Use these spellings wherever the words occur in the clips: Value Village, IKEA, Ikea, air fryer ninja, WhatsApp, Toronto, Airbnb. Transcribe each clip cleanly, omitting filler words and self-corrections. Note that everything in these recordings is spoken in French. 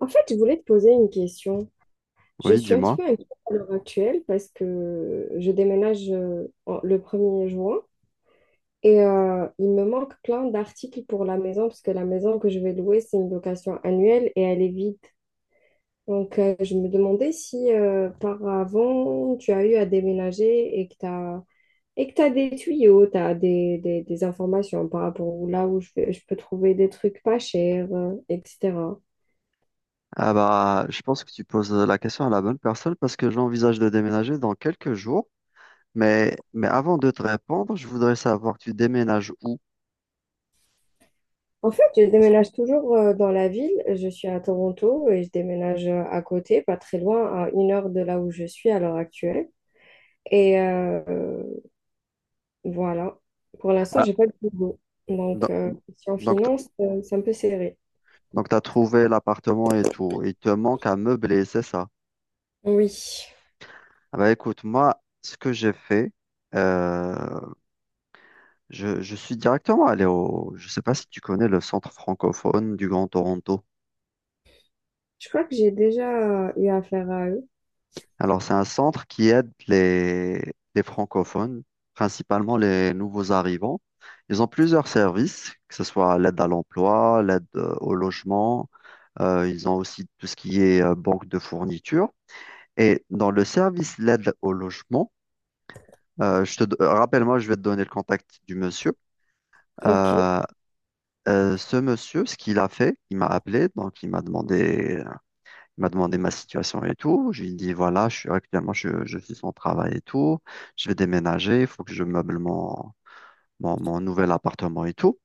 En fait, je voulais te poser une question. Je Oui, suis un petit dis-moi. peu inquiète à l'heure actuelle parce que je déménage le 1er juin et il me manque plein d'articles pour la maison parce que la maison que je vais louer, c'est une location annuelle et elle est vide. Je me demandais si par avant, tu as eu à déménager et que tu as, et que t'as des tuyaux, tu as des informations par rapport à là où je peux trouver des trucs pas chers, etc. Ah bah, je pense que tu poses la question à la bonne personne parce que j'envisage de déménager dans quelques jours. Mais avant de te répondre, je voudrais savoir, tu déménages où? En fait, je déménage toujours dans la ville. Je suis à Toronto et je déménage à côté, pas très loin, à une heure de là où je suis à l'heure actuelle. Et euh, euh, voilà. Pour l'instant, Ah, j'ai pas de boulot. Donc, do- euh, si en donc, t- finance, c'est un peu serré. donc t'as trouvé l'appartement et tout. Il te manque à meubler, c'est ça? Oui. Ah bah, écoute, moi, ce que j'ai fait, euh, je suis directement allé au. Je sais pas si tu connais le centre francophone du Grand Toronto. Je crois que j'ai déjà eu affaire à eux. Alors, c'est un centre qui aide les francophones, principalement les nouveaux arrivants. Ils ont plusieurs services, que ce soit l'aide à l'emploi, l'aide au logement. Ils ont aussi tout ce qui est banque de fournitures. Et dans le service l'aide au logement, rappelle-moi, je vais te donner le contact du monsieur. Ok. Euh, Ce monsieur, ce qu'il a fait, il m'a appelé, donc il m'a demandé ma situation et tout. Je lui ai dit, voilà, je suis actuellement, je suis sans travail et tout. Je vais déménager, il faut que je meuble mon, mon, mon nouvel appartement et tout.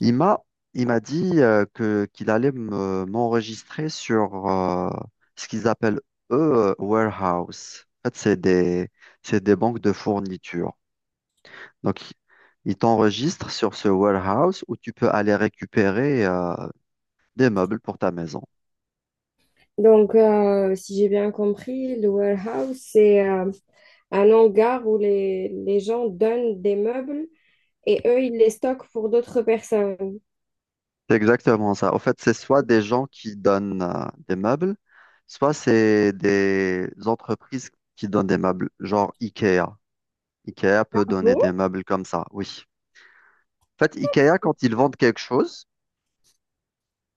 Il m'a, il m'a dit qu'il allait m'enregistrer sur ce qu'ils appellent, eux, warehouse. En fait, c'est des banques de fourniture. Donc, ils t'enregistrent sur ce warehouse où tu peux aller récupérer des meubles pour ta maison. Si j'ai bien compris, le warehouse, c'est un hangar où les gens donnent des meubles et eux, ils les stockent pour d'autres personnes. C'est exactement ça. En fait, c'est soit des gens qui donnent des meubles, soit c'est des entreprises qui donnent des meubles, genre IKEA. IKEA peut donner des Bon. meubles comme ça, oui. En fait, IKEA, quand ils vendent quelque chose,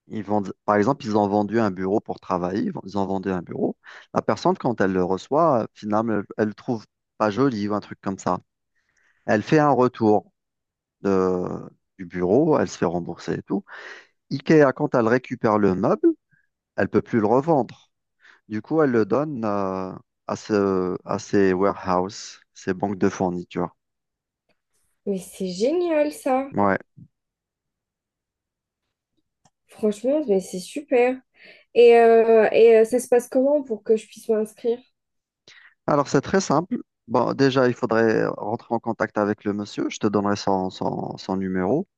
ils vendent, par exemple, ils ont vendu un bureau pour travailler, ils ont vendu un bureau. La personne, quand elle le reçoit, finalement, elle le trouve pas joli ou un truc comme ça. Elle fait un retour de- du bureau, elle se fait rembourser et tout. IKEA, quand elle récupère le meuble, elle peut plus le revendre. Du coup, elle le donne à ces warehouses, ces banques de fournitures. Mais c'est génial ça. Ouais. Franchement, mais c'est super. Ça se passe comment pour que je puisse m'inscrire? Alors, c'est très simple. Bon, déjà, il faudrait rentrer en contact avec le monsieur. Je te donnerai son numéro.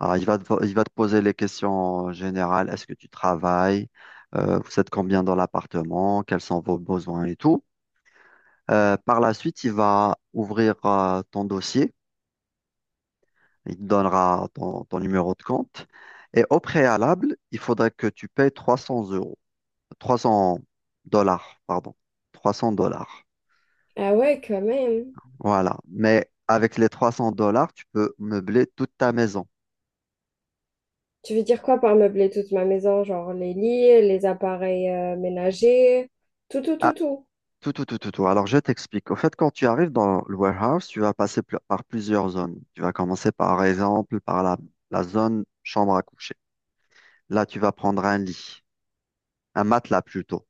Alors, il va te poser les questions générales. Est-ce que tu travailles? Vous êtes combien dans l'appartement? Quels sont vos besoins et tout. Par la suite, il va ouvrir ton dossier. Il te donnera ton numéro de compte. Et au préalable, il faudrait que tu payes 300 euros. 300 dollars, pardon. 300 dollars. Ah ouais, quand même. Voilà. Mais avec les 300 dollars, tu peux meubler toute ta maison. Tu veux dire quoi par meubler toute ma maison? Genre les lits, les appareils ménagers, tout, tout, Ah, tout, tout. tout, tout, tout, tout, tout. Alors, je t'explique. Au fait, quand tu arrives dans le warehouse, tu vas passer par plusieurs zones. Tu vas commencer par exemple par la zone chambre à coucher. Là, tu vas prendre un lit, un matelas plutôt.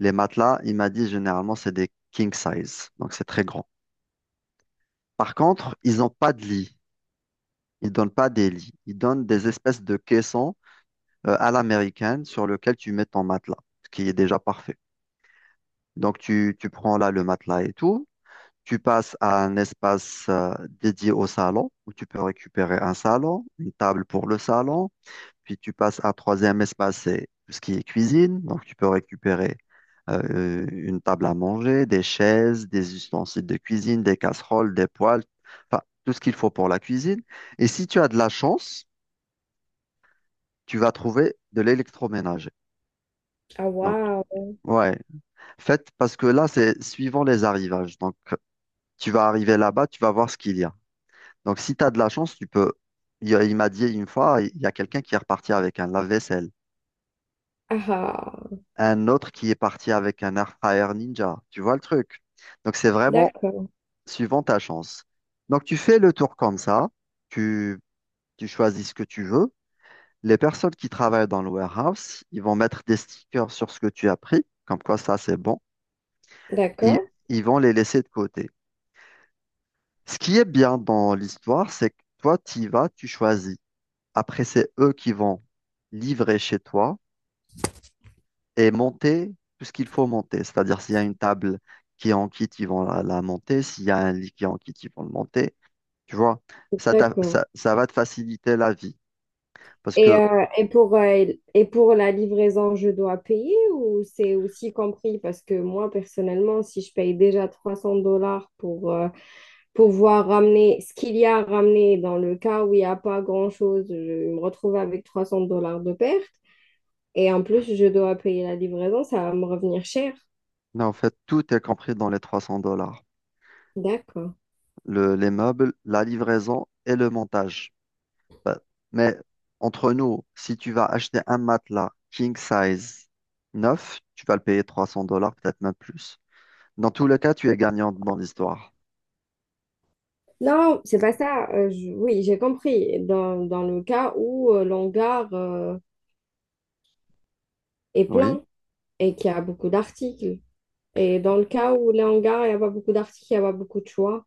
Les matelas, il m'a dit généralement, c'est des king size. Donc, c'est très grand. Par contre, ils n'ont pas de lit. Ils donnent pas des lits. Ils donnent des espèces de caissons à l'américaine sur lequel tu mets ton matelas, ce qui est déjà parfait. Donc, tu prends là le matelas et tout. Tu passes à un espace dédié au salon où tu peux récupérer un salon, une table pour le salon. Puis tu passes à un troisième espace, c'est tout ce qui est cuisine. Donc, tu peux récupérer une table à manger, des chaises, des ustensiles de cuisine, des casseroles, des poêles, enfin, tout ce qu'il faut pour la cuisine. Et si tu as de la chance, tu vas trouver de l'électroménager. Ah Donc, waouh. ouais, faites parce que là, c'est suivant les arrivages. Donc, tu vas arriver là-bas, tu vas voir ce qu'il y a. Donc, si tu as de la chance, tu peux. Il m'a dit une fois, il y a quelqu'un qui est reparti avec un lave-vaisselle, Ah, ah. un autre qui est parti avec un air fryer ninja. Tu vois le truc? Donc, c'est vraiment D'accord. suivant ta chance. Donc, tu fais le tour comme ça, tu, tu choisis ce que tu veux. Les personnes qui travaillent dans le warehouse, ils vont mettre des stickers sur ce que tu as pris, comme quoi ça, c'est bon, et D'accord. ils vont les laisser de côté. Ce qui est bien dans l'histoire, c'est que toi, tu y vas, tu choisis. Après, c'est eux qui vont livrer chez toi et monter tout ce qu'il faut monter. C'est-à-dire, s'il y a une table qui est en kit, ils vont la monter. S'il y a un lit qui est en kit, ils vont le monter. Tu vois, ça, t'a- D'accord. ça, ça va te faciliter la vie. Parce Et, que, euh, et pour, euh, et pour la livraison, je dois payer ou c'est aussi compris? Parce que moi, personnellement, si je paye déjà 300 dollars pour... pouvoir ramener ce qu'il y a à ramener dans le cas où il n'y a pas grand-chose, je me retrouve avec 300 dollars de perte. Et en plus, je dois payer la livraison, ça va me revenir cher. non, en fait, tout est compris dans les 300 dollars. D'accord. Les meubles, la livraison et le montage. Bah, mais entre nous, si tu vas acheter un matelas king size neuf, tu vas le payer 300 dollars, peut-être même plus. Dans tous les cas, tu es gagnant dans l'histoire. Non, c'est pas ça. Oui, j'ai compris. Dans le cas où l'hangar est Oui. plein et qu'il y a beaucoup d'articles. Et dans le cas où l'hangar il n'y a pas beaucoup d'articles, il n'y a pas beaucoup de choix.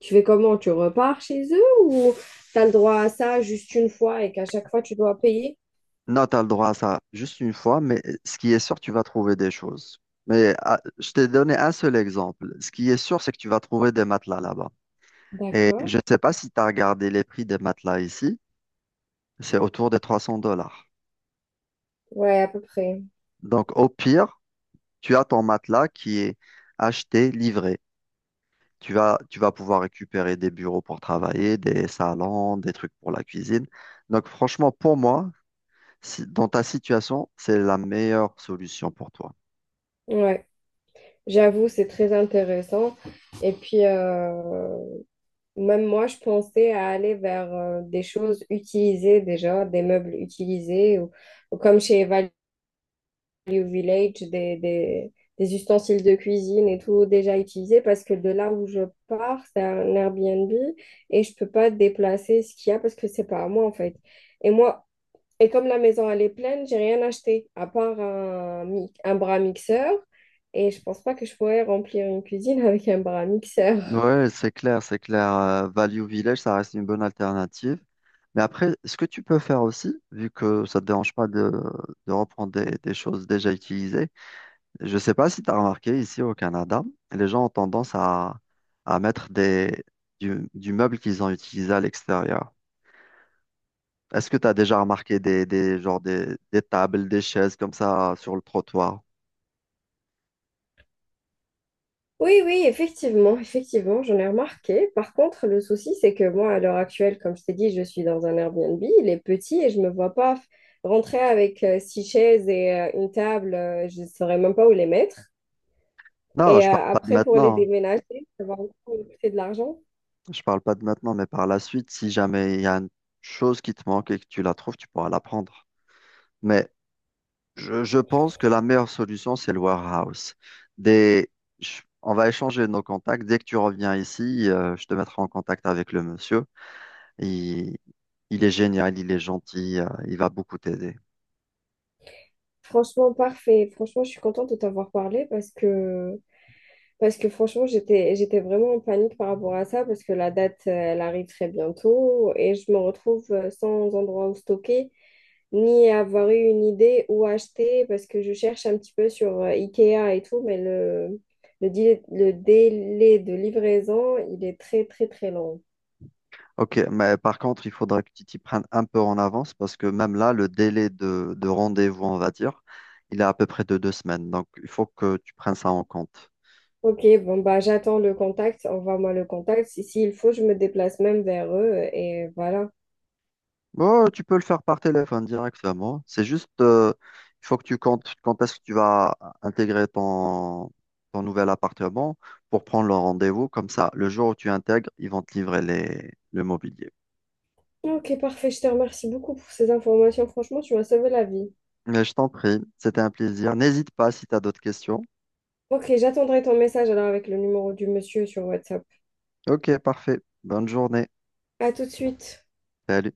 Tu fais comment? Tu repars chez eux ou tu as le droit à ça juste une fois et qu'à chaque fois, tu dois payer? Non, tu as le droit à ça juste une fois, mais ce qui est sûr, tu vas trouver des choses. Mais ah, je t'ai donné un seul exemple. Ce qui est sûr, c'est que tu vas trouver des matelas là-bas. Et D'accord. je ne sais pas si tu as regardé les prix des matelas ici. C'est autour des 300 dollars. Ouais, à peu près. Donc, au pire, tu as ton matelas qui est acheté, livré. Tu vas pouvoir récupérer des bureaux pour travailler, des salons, des trucs pour la cuisine. Donc franchement, pour moi, dans ta situation, c'est la meilleure solution pour toi. Ouais. J'avoue, c'est très intéressant. Et puis, euh, même moi, je pensais à aller vers des choses utilisées déjà, des meubles utilisés, ou comme chez Value Village, des ustensiles de cuisine et tout déjà utilisés, parce que de là où je pars, c'est un Airbnb et je peux pas déplacer ce qu'il y a parce que c'est pas à moi en fait. Et moi, et comme la maison, elle est pleine, j'ai rien acheté, à part un bras mixeur. Et je pense pas que je pourrais remplir une cuisine avec un bras mixeur. Ouais, c'est clair, c'est clair. Value Village, ça reste une bonne alternative. Mais après, ce que tu peux faire aussi, vu que ça ne te dérange pas de reprendre des, choses déjà utilisées, je ne sais pas si tu as remarqué ici au Canada, les gens ont tendance à mettre du meuble qu'ils ont utilisé à l'extérieur. Est-ce que tu as déjà remarqué genre des tables, des chaises comme ça sur le trottoir? Oui, oui, effectivement, effectivement, j'en ai remarqué. Par contre, le souci, c'est que moi, à l'heure actuelle, comme je t'ai dit, je suis dans un Airbnb, il est petit et je me vois pas f- rentrer avec 6 chaises et une table, je ne saurais même pas où les mettre. Non, je parle pas de Après, pour les maintenant. déménager, ça va encore me coûter de l'argent. Je parle pas de maintenant, mais par la suite, si jamais il y a une chose qui te manque et que tu la trouves, tu pourras la prendre. Mais je pense que la meilleure solution, c'est le warehouse. Des, on va échanger nos contacts. Dès que tu reviens ici, je te mettrai en contact avec le monsieur. Il, il est génial, il est gentil, il va beaucoup t'aider. Franchement, parfait. Franchement, je suis contente de t'avoir parlé parce que parce que franchement, j'étais vraiment en panique par rapport à ça, parce que la date, elle arrive très bientôt et je me retrouve sans endroit où stocker, ni avoir eu une idée où acheter, parce que je cherche un petit peu sur Ikea et tout, mais délai, le délai de livraison, il est très, très, très long. Ok, mais par contre, il faudra que tu t'y prennes un peu en avance parce que même là, le délai de rendez-vous, on va dire, il est à peu près de deux semaines. Donc, il faut que tu prennes ça en compte. Ok, bon, bah, j'attends le contact, envoie-moi le contact. Si, s'il faut, je me déplace même vers eux et voilà. Bon, tu peux le faire par téléphone directement. C'est juste, il faut que tu comptes quand est-ce que tu vas intégrer ton nouvel appartement pour prendre le rendez-vous. Comme ça, le jour où tu intègres, ils vont te livrer le mobilier. Ok, parfait. Je te remercie beaucoup pour ces informations. Franchement, tu m'as sauvé la vie. Mais je t'en prie, c'était un plaisir. N'hésite pas si tu as d'autres questions. Ok, j'attendrai ton message alors avec le numéro du monsieur sur WhatsApp. Ok, parfait. Bonne journée. À tout de suite. Salut.